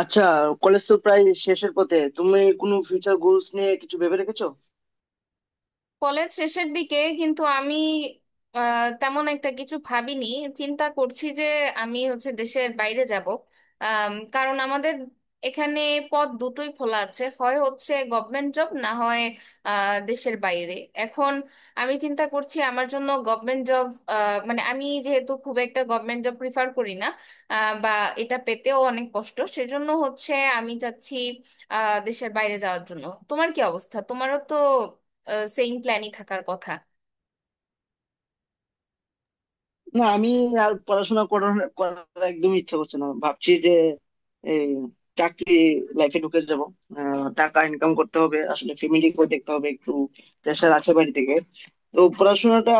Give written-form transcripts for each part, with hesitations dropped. আচ্ছা, কলেজ তো প্রায় শেষের পথে। তুমি কোনো ফিউচার গোলস নিয়ে কিছু ভেবে রেখেছো? কলেজ শেষের দিকে কিন্তু আমি তেমন একটা কিছু ভাবিনি। চিন্তা করছি যে আমি হচ্ছে দেশের বাইরে যাব। কারণ আমাদের এখানে পদ দুটোই খোলা আছে, হয় হচ্ছে গভর্নমেন্ট জব না হয় দেশের বাইরে। এখন আমি চিন্তা করছি আমার জন্য গভর্নমেন্ট জব, মানে আমি যেহেতু খুব একটা গভর্নমেন্ট জব প্রিফার করি না, বা এটা পেতেও অনেক কষ্ট। সেজন্য হচ্ছে আমি চাচ্ছি দেশের বাইরে যাওয়ার জন্য। তোমার কি অবস্থা? তোমারও তো সেম প্ল্যানই থাকার কথা। না, আমি আর পড়াশোনা করার করার একদমই ইচ্ছা করছে না, ভাবছি যে এই চাকরি লাইফে ঢুকে যাব। টাকা ইনকাম করতে হবে, আসলে ফ্যামিলিকেও দেখতে হবে একটু, প্রেশার আছে বাড়ি থেকে। তো পড়াশোনাটা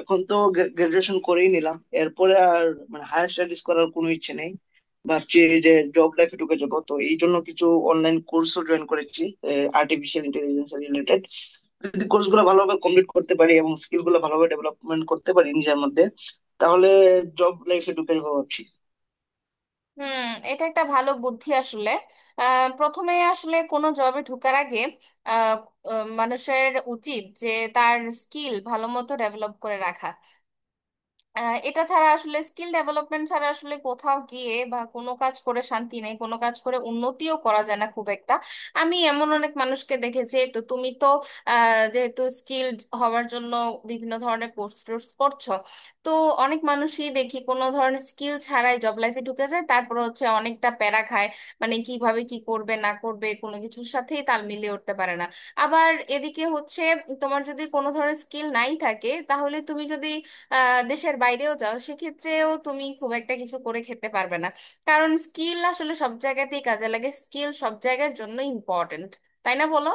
এখন তো গ্রাজুয়েশন করেই নিলাম, এরপরে আর মানে হায়ার স্টাডিজ করার কোনো ইচ্ছে নেই। ভাবছি যে জব লাইফে ঢুকে যাবো, তো এই জন্য কিছু অনলাইন কোর্সও জয়েন করেছি আর্টিফিশিয়াল ইন্টেলিজেন্স রিলেটেড। যদি কোর্স গুলো ভালোভাবে কমপ্লিট করতে পারি এবং স্কিল গুলো ভালোভাবে ডেভেলপমেন্ট করতে পারি নিজের মধ্যে, তাহলে জব লাইফে ঢুকে যাবো ভাবছি। হুম। এটা একটা ভালো বুদ্ধি আসলে। প্রথমে আসলে কোনো জবে ঢোকার আগে আহ, মানুষের উচিত যে তার স্কিল ভালো মতো ডেভেলপ করে রাখা। এটা ছাড়া আসলে স্কিল ডেভেলপমেন্ট ছাড়া আসলে কোথাও গিয়ে বা কোনো কাজ করে শান্তি নেই, কোনো কাজ করে উন্নতিও করা যায় না খুব একটা। আমি এমন অনেক মানুষকে দেখেছি। তো তুমি তো যেহেতু স্কিলড হওয়ার জন্য বিভিন্ন ধরনের কোর্স টোর্স করছো, তো অনেক মানুষই দেখি কোনো ধরনের স্কিল ছাড়াই জব লাইফে ঢুকে যায়, তারপর হচ্ছে অনেকটা প্যারা খায়। মানে কিভাবে কি করবে না করবে কোনো কিছুর সাথেই তাল মিলিয়ে উঠতে পারে না। আবার এদিকে হচ্ছে তোমার যদি কোনো ধরনের স্কিল নাই থাকে, তাহলে তুমি যদি দেশের বাইরেও যাও, সেক্ষেত্রেও তুমি খুব একটা কিছু করে খেতে পারবে না। কারণ স্কিল আসলে সব জায়গাতেই কাজে লাগে, স্কিল সব জায়গার জন্য ইম্পর্ট্যান্ট। তাই না, বলো?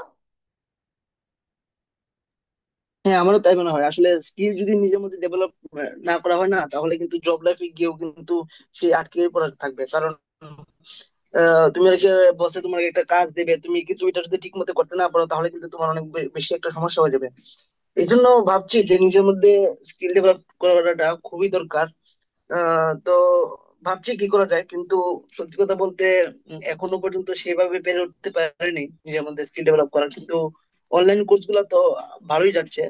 হ্যাঁ, আমারও তাই মনে হয়। আসলে স্কিল যদি নিজের মধ্যে ডেভেলপ না করা হয় না, তাহলে কিন্তু জব লাইফে গিয়েও কিন্তু সে আটকে পড়া থাকবে। কারণ তুমি একটা বসে তোমাকে একটা কাজ দেবে, তুমি কিন্তু এটা যদি ঠিক মতো করতে না পারো, তাহলে কিন্তু তোমার অনেক বেশি একটা সমস্যা হয়ে যাবে। এই জন্য ভাবছি যে নিজের মধ্যে স্কিল ডেভেলপ করাটা খুবই দরকার। তো ভাবছি কি করা যায়, কিন্তু সত্যি কথা বলতে এখনো পর্যন্ত সেভাবে পেরে উঠতে পারিনি নিজের মধ্যে স্কিল ডেভেলপ করা, কিন্তু অনলাইন কোর্স গুলো তো ভালোই যাচ্ছে।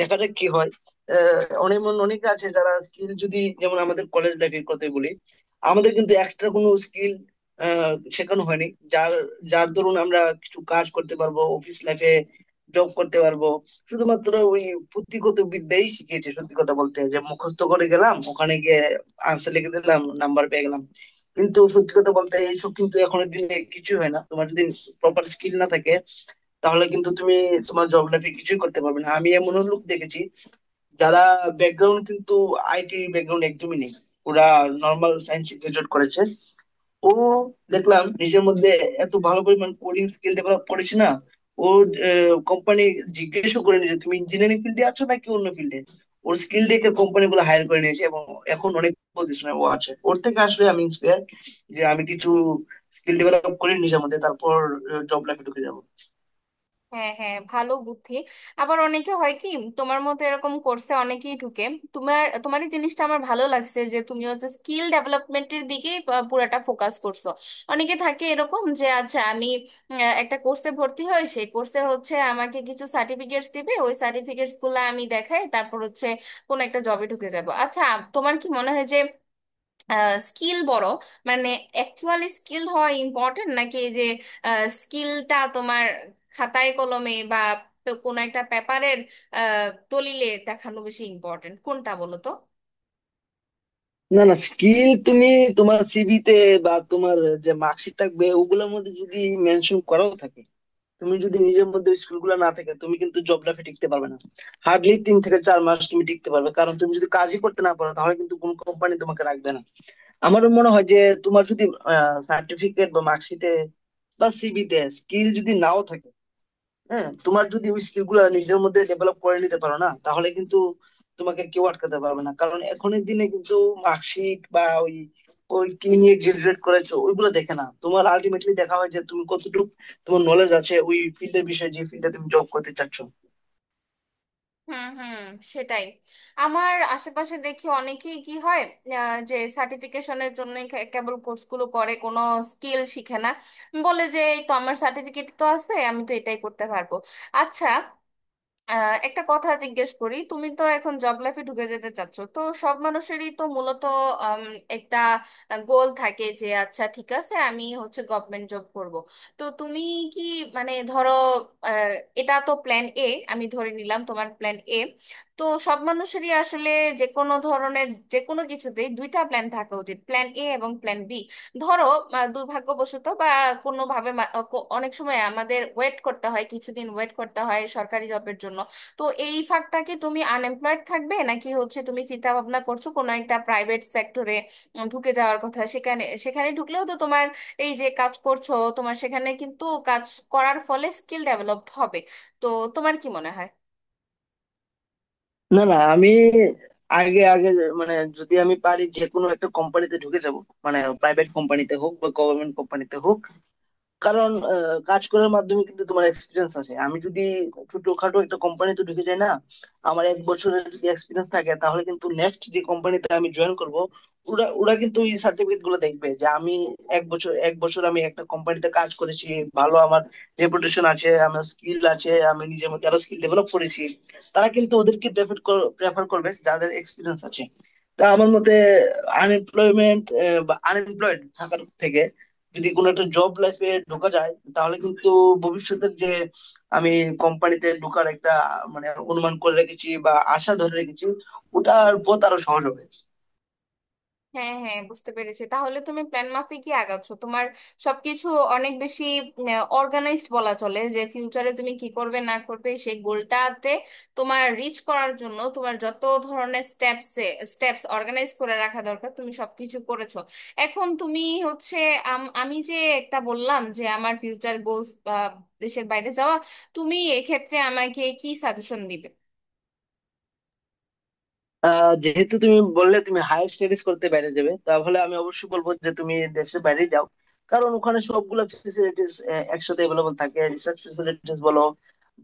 দেখা যাক কি হয়। অনেক অনেকে আছে যারা স্কিল, যদি যেমন আমাদের কলেজ লাইফের কথাই বলি, আমাদের কিন্তু এক্সট্রা কোনো স্কিল শেখানো হয়নি, যার যার দরুন আমরা কিছু কাজ করতে পারবো অফিস লাইফে, জব করতে পারবো। শুধুমাত্র ওই পুঁথিগত বিদ্যাই শিখিয়েছে সত্যি কথা বলতে, যে মুখস্থ করে গেলাম ওখানে গিয়ে আনসার লিখে দিলাম নাম্বার পেয়ে গেলাম। কিন্তু সত্যি কথা বলতে এইসব কিন্তু এখনের দিনে কিছু হয় না। তোমার যদি প্রপার স্কিল না থাকে, তাহলে কিন্তু তোমার জব লাইফে কিছুই করতে পারবে না। আমি এমন লোক দেখেছি যারা ব্যাকগ্রাউন্ড কিন্তু আইটি ব্যাকগ্রাউন্ড একদমই নেই। ওরা নর্মাল সায়েন্স গ্রাজুয়েট করেছে। ও দেখলাম নিজের মধ্যে এত ভালো পরিমাণ কোডিং স্কিল ডেভেলপ করেছে না। ও কোম্পানি জিজ্ঞেসও করে নিয়েছে তুমি ইঞ্জিনিয়ারিং ফিল্ডে আছো নাকি অন্য ফিল্ডে। ওর স্কিল দেখে কোম্পানি গুলো হায়ার করে নিয়েছে এবং এখন অনেক পজিশনে ও আছে। ওর থেকে আসলে আমি ইন্সপায়ার যে আমি কিছু স্কিল ডেভেলপ করি নিজের মধ্যে, তারপর জব লাইফে ঢুকে যাবো। হ্যাঁ হ্যাঁ, ভালো বুদ্ধি। আবার অনেকে হয় কি, তোমার মতো এরকম কোর্সে অনেকেই ঢুকে। তোমার তোমার এই জিনিসটা আমার ভালো লাগছে যে তুমি হচ্ছে স্কিল ডেভেলপমেন্টের দিকেই পুরাটা ফোকাস করছো। অনেকে থাকে এরকম যে, আচ্ছা আমি একটা কোর্সে ভর্তি হই, সেই কোর্সে হচ্ছে আমাকে কিছু সার্টিফিকেটস দিবে, ওই সার্টিফিকেটস গুলো আমি দেখাই, তারপর হচ্ছে কোন একটা জবে ঢুকে যাব। আচ্ছা, তোমার কি মনে হয় যে স্কিল বড়, মানে অ্যাকচুয়ালি স্কিল হওয়া ইম্পর্টেন্ট নাকি এই যে স্কিলটা তোমার খাতায় কলমে বা কোনো একটা পেপারের দলিলে দেখানো বেশি ইম্পর্টেন্ট? কোনটা বলো তো? না, না, স্কিল তুমি তোমার সিভিতে বা তোমার যে মার্কশিট থাকবে ওগুলোর মধ্যে যদি মেনশন করাও থাকে, তুমি যদি নিজের মধ্যে স্কিল গুলো না থাকে, তুমি কিন্তু জব লাইফে টিকতে পারবে না। হার্ডলি 3 থেকে 4 মাস তুমি টিকতে পারবে, কারণ তুমি যদি কাজই করতে না পারো, তাহলে কিন্তু কোন কোম্পানি তোমাকে রাখবে না। আমার মনে হয় যে তোমার যদি সার্টিফিকেট বা মার্কশিটে বা সিভিতে স্কিল যদি নাও থাকে, হ্যাঁ, তোমার যদি ওই স্কিল গুলা নিজের মধ্যে ডেভেলপ করে নিতে পারো না, তাহলে কিন্তু তোমাকে কেউ আটকাতে পারবে না। কারণ এখনের দিনে কিন্তু মার্কশিট বা ওই ওই কি নিয়ে গ্রাজুয়েট করেছো ওইগুলো দেখে না। তোমার আলটিমেটলি দেখা হয় যে তুমি কতটুকু তোমার নলেজ আছে ওই ফিল্ডের বিষয়ে, যে ফিল্ডে তুমি জব করতে চাচ্ছ। হুম হুম, সেটাই। আমার আশেপাশে দেখি অনেকেই কি হয়, যে সার্টিফিকেশনের জন্য কেবল কোর্সগুলো করে কোনো স্কিল শিখে না। বলে যে এই তো আমার সার্টিফিকেট তো আছে, আমি তো এটাই করতে পারবো। আচ্ছা, একটা কথা জিজ্ঞেস করি। তুমি তো এখন জব লাইফে ঢুকে যেতে চাচ্ছ, তো সব মানুষেরই তো মূলত উম, একটা গোল থাকে যে আচ্ছা ঠিক আছে আমি হচ্ছে গভর্নমেন্ট জব করব। তো তুমি কি, মানে ধরো আহ, এটা তো প্ল্যান এ, আমি ধরে নিলাম তোমার প্ল্যান এ। তো সব মানুষেরই আসলে যে কোনো ধরনের যে কোনো কিছুতেই দুইটা প্ল্যান থাকা উচিত, প্ল্যান এ এবং প্ল্যান বি। ধরো দুর্ভাগ্যবশত বা কোনোভাবে অনেক সময় আমাদের ওয়েট করতে হয়, কিছুদিন ওয়েট করতে হয় সরকারি জবের জন্য। তো এই ফাঁকটা কি তুমি আনএমপ্লয়েড থাকবে নাকি হচ্ছে তুমি চিন্তা ভাবনা করছো কোনো একটা প্রাইভেট সেক্টরে ঢুকে যাওয়ার কথা? সেখানে সেখানে ঢুকলেও তো তোমার এই যে কাজ করছো, তোমার সেখানে কিন্তু কাজ করার ফলে স্কিল ডেভেলপড হবে। তো তোমার কি মনে হয়? না, না, আমি আগে আগে মানে যদি আমি পারি যে কোনো একটা কোম্পানিতে ঢুকে যাব, মানে প্রাইভেট কোম্পানিতে হোক বা গভর্নমেন্ট কোম্পানিতে হোক। কারণ কাজ করার মাধ্যমে কিন্তু তোমার এক্সপিরিয়েন্স আছে। আমি যদি ছোটখাটো একটা কোম্পানিতে ঢুকে যাই না, আমার 1 বছরের যদি এক্সপিরিয়েন্স থাকে, তাহলে কিন্তু নেক্সট যে কোম্পানিতে আমি জয়েন করব, ওরা ওরা কিন্তু এই সার্টিফিকেট গুলো দেখবে যে আমি এক বছর আমি একটা কোম্পানিতে কাজ করেছি। ভালো, আমার রেপুটেশন আছে, আমার স্কিল আছে, আমি নিজের মধ্যে আরো স্কিল ডেভেলপ করেছি। তারা কিন্তু ওদেরকে প্রেফার প্রেফার করবে যাদের এক্সপিরিয়েন্স আছে। তা আমার মতে, আনএমপ্লয়মেন্ট বা আনএমপ্লয়েড থাকার থেকে যদি কোনো একটা জব লাইফে ঢোকা যায়, তাহলে কিন্তু ভবিষ্যতের যে আমি কোম্পানিতে ঢোকার একটা মানে অনুমান করে রেখেছি বা আশা ধরে রেখেছি, ওটার পথ আরো সহজ হবে। হ্যাঁ হ্যাঁ, বুঝতে পেরেছি। তাহলে তুমি প্ল্যান মাফিকই আগাচ্ছ। তোমার সবকিছু অনেক বেশি অর্গানাইজড বলা চলে, যে ফিউচারে তুমি কি করবে না করবে সেই গোলটাতে তোমার রিচ করার জন্য তোমার যত ধরনের স্টেপস স্টেপস অর্গানাইজ করে রাখা দরকার, তুমি সবকিছু করেছো। এখন তুমি হচ্ছে আমি যে একটা বললাম যে আমার ফিউচার গোলস দেশের বাইরে যাওয়া, তুমি এক্ষেত্রে আমাকে কি সাজেশন দিবে? যেহেতু তুমি বললে তুমি হায়ার স্টাডিজ করতে বাইরে যাবে, তাহলে আমি অবশ্যই বলবো যে তুমি দেশের বাইরে যাও। কারণ ওখানে সবগুলা ফেসিলিটিস একসাথে অ্যাভেলেবল থাকে, রিসার্চ ফেসিলিটিস বলো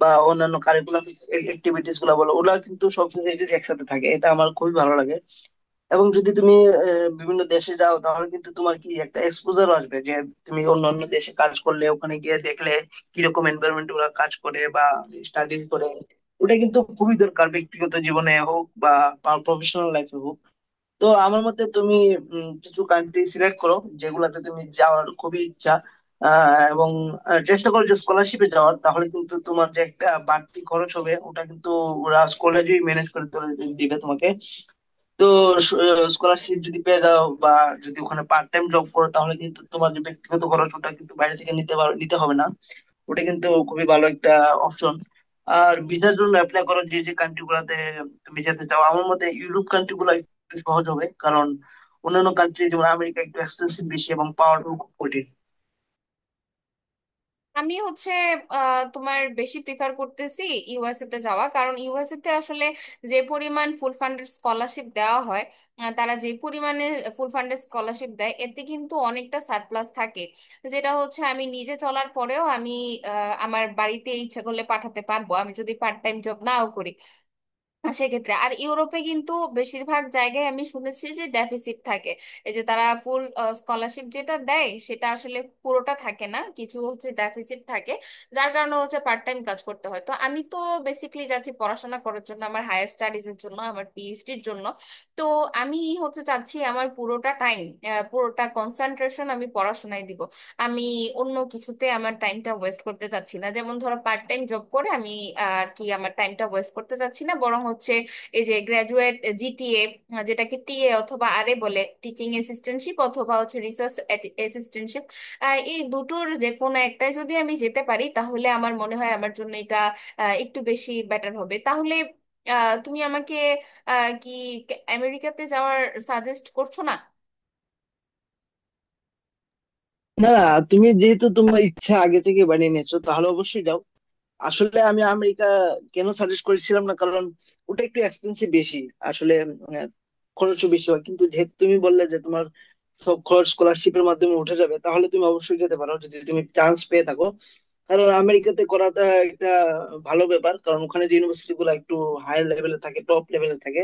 বা অন্যান্য কারিকুলাম অ্যাক্টিভিটিস গুলো বলো, ওগুলা কিন্তু সব ফেসিলিটিস একসাথে থাকে। এটা আমার খুবই ভালো লাগে। এবং যদি তুমি বিভিন্ন দেশে যাও, তাহলে কিন্তু তোমার কি একটা এক্সপোজার আসবে যে তুমি অন্যান্য দেশে কাজ করলে ওখানে গিয়ে দেখলে কিরকম এনভায়রনমেন্ট ওরা কাজ করে বা স্টাডিজ করে। ওটা কিন্তু খুবই দরকার, ব্যক্তিগত জীবনে হোক বা প্রফেশনাল লাইফে হোক। তো আমার মতে তুমি কিছু কান্ট্রি সিলেক্ট করো যেগুলাতে তুমি যাওয়ার খুবই ইচ্ছা। এবং চেষ্টা করো যে স্কলারশিপে যাওয়ার, তাহলে কিন্তু তোমার যে একটা বাড়তি খরচ হবে ওটা কিন্তু ওরা কলেজেই ম্যানেজ করে তুলে দিবে তোমাকে। তো স্কলারশিপ যদি পেয়ে যাও বা যদি ওখানে পার্ট টাইম জব করো, তাহলে কিন্তু তোমার যে ব্যক্তিগত খরচ ওটা কিন্তু বাইরে থেকে নিতে পারো নিতে হবে না। ওটা কিন্তু খুবই ভালো একটা অপশন। আর ভিসার জন্য অ্যাপ্লাই করো যে যে কান্ট্রি গুলাতে তুমি যেতে চাও। আমার মতে ইউরোপ কান্ট্রি গুলো একটু সহজ হবে, কারণ অন্যান্য কান্ট্রি যেমন আমেরিকা একটু এক্সপেন্সিভ বেশি এবং পাওয়াটাও খুব কঠিন। আমি হচ্ছে তোমার বেশি প্রিফার করতেছি ইউএসএ তে যাওয়া, কারণ ইউএসএ তে আসলে যে পরিমাণ ফুল ফান্ডেড স্কলারশিপ দেওয়া হয়, তারা যে পরিমাণে ফুল ফান্ডেড স্কলারশিপ দেয়, এতে কিন্তু অনেকটা সারপ্লাস থাকে। যেটা হচ্ছে আমি নিজে চলার পরেও আমি আমার বাড়িতে ইচ্ছা করলে পাঠাতে পারবো, আমি যদি পার্ট টাইম জব নাও করি। আর সেক্ষেত্রে আর ইউরোপে কিন্তু বেশিরভাগ জায়গায় আমি শুনেছি যে ডেফিসিট থাকে। এই যে তারা ফুল স্কলারশিপ যেটা দেয় সেটা আসলে পুরোটা থাকে না, কিছু হচ্ছে ডেফিসিট থাকে, যার কারণে হচ্ছে পার্ট টাইম কাজ করতে হয়। তো আমি তো বেসিকলি যাচ্ছি পড়াশোনা করার জন্য, আমার হায়ার স্টাডিজ এর জন্য, আমার পিএইচডির জন্য। তো আমি হচ্ছে চাচ্ছি আমার পুরোটা টাইম, পুরোটা কনসেন্ট্রেশন আমি পড়াশোনায় দিব। আমি অন্য কিছুতে আমার টাইমটা ওয়েস্ট করতে চাচ্ছি না, যেমন ধরো পার্ট টাইম জব করে আমি আর কি আমার টাইমটা ওয়েস্ট করতে চাচ্ছি না। বরং হচ্ছে এই যে গ্রাজুয়েট জিটিএ, যেটাকে টিএ অথবা আরএ বলে, টিচিং অ্যাসিস্ট্যান্টশিপ অথবা হচ্ছে রিসার্চ অ্যাসিস্ট্যান্টশিপ, এই দুটোর যে কোনো একটাই যদি আমি যেতে পারি তাহলে আমার মনে হয় আমার জন্য এটা একটু বেশি বেটার হবে। তাহলে তুমি আমাকে কি আমেরিকাতে যাওয়ার সাজেস্ট করছো না? না, না, তুমি যেহেতু তোমার ইচ্ছা আগে থেকে বানিয়ে নিয়েছো, তাহলে অবশ্যই যাও। আসলে আমি আমেরিকা কেন সাজেস্ট করেছিলাম না, কারণ ওটা একটু এক্সপেন্সিভ বেশি, আসলে আহ, খরচও বেশি হয়। কিন্তু যেহেতু তুমি বললে যে তোমার সব খরচ স্কলারশিপের মাধ্যমে উঠে যাবে, তাহলে তুমি অবশ্যই যেতে পারো যদি তুমি চান্স পেয়ে থাকো। কারণ আমেরিকাতে করাটা একটা ভালো ব্যাপার, কারণ ওখানে যে ইউনিভার্সিটি গুলো একটু হাই লেভেলে থাকে, টপ লেভেলে থাকে।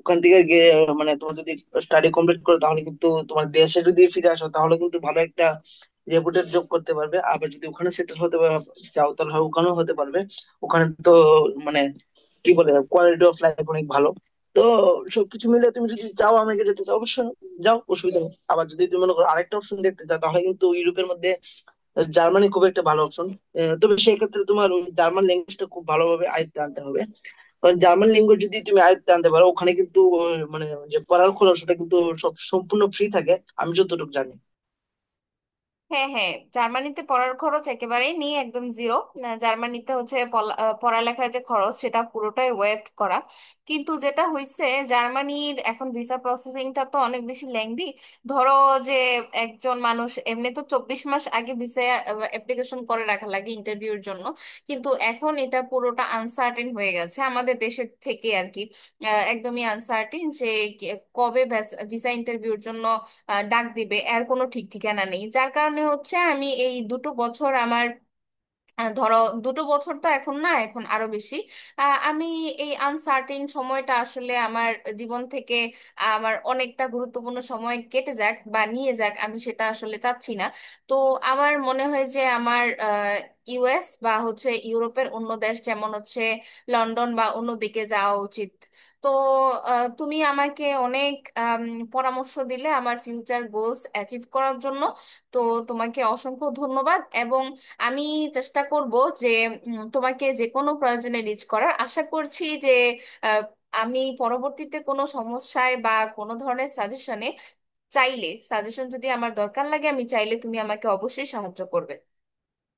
ওখান থেকে মানে তোমার যদি স্টাডি কমপ্লিট করো, তাহলে কিন্তু তোমার দেশে যদি ফিরে আসো, তাহলে কিন্তু ভালো একটা রেপুটেড জব করতে পারবে। আবার যদি ওখানে সেটেল হতে চাও, তাহলে হয় ওখানেও হতে পারবে। ওখানে তো মানে কি বলে কোয়ালিটি অফ লাইফ অনেক ভালো। তো সবকিছু মিলে, তুমি যদি চাও আমেরিকা যেতে চাও, অবশ্যই যাও, অসুবিধা নেই। আবার যদি তুমি মনে করো আরেকটা অপশন দেখতে চাও, তাহলে কিন্তু ইউরোপের মধ্যে জার্মানি খুব একটা ভালো অপশন। তবে সেক্ষেত্রে তোমার জার্মান ল্যাঙ্গুয়েজটা খুব ভালোভাবে আয়ত্তে আনতে হবে। কারণ জার্মান ল্যাঙ্গুয়েজ যদি তুমি আয়ত্তে আনতে পারো ওখানে কিন্তু মানে যে পড়ার খরচ ওটা কিন্তু সম্পূর্ণ ফ্রি থাকে, আমি যতটুকু জানি। হ্যাঁ হ্যাঁ, জার্মানিতে পড়ার খরচ একেবারেই নেই, একদম জিরো। জার্মানিতে হচ্ছে পড়ালেখার যে খরচ সেটা পুরোটাই ওয়েভ করা। কিন্তু যেটা হয়েছে, জার্মানির এখন ভিসা প্রসেসিংটা তো অনেক বেশি লেংদি। ধরো যে একজন মানুষ এমনি তো 24 মাস আগে ভিসা অ্যাপ্লিকেশন করে রাখা লাগে ইন্টারভিউর জন্য। কিন্তু এখন এটা পুরোটা আনসার্টেন হয়ে গেছে আমাদের দেশের থেকে আর কি। একদমই আনসার্টিন যে কে- কবে ভিসা ইন্টারভিউর জন্য ডাক দিবে, এর কোনো ঠিক ঠিকানা নেই। যার কারণে হচ্ছে আমি এই দুটো বছর আমার ধরো দুটো বছর তো এখন না, এখন আরো বেশি। আমি এই আনসার্টেন সময়টা আসলে আমার জীবন থেকে আমার অনেকটা গুরুত্বপূর্ণ সময় কেটে যাক বা নিয়ে যাক, আমি সেটা আসলে চাচ্ছি না। তো আমার মনে হয় যে আমার ইউএস বা হচ্ছে ইউরোপের অন্য দেশ যেমন হচ্ছে লন্ডন বা অন্য দিকে যাওয়া উচিত। তো তুমি আমাকে অনেক আম, পরামর্শ দিলে আমার ফিউচার গোলস অ্যাচিভ করার জন্য। তো তোমাকে অসংখ্য ধন্যবাদ। এবং আমি চেষ্টা করব যে তোমাকে যে কোনো প্রয়োজনে রিচ করার আশা করছি যে আহ, আমি পরবর্তীতে কোনো সমস্যায় বা কোনো ধরনের সাজেশনে চাইলে, সাজেশন যদি আমার দরকার লাগে, আমি চাইলে তুমি আমাকে অবশ্যই সাহায্য করবে।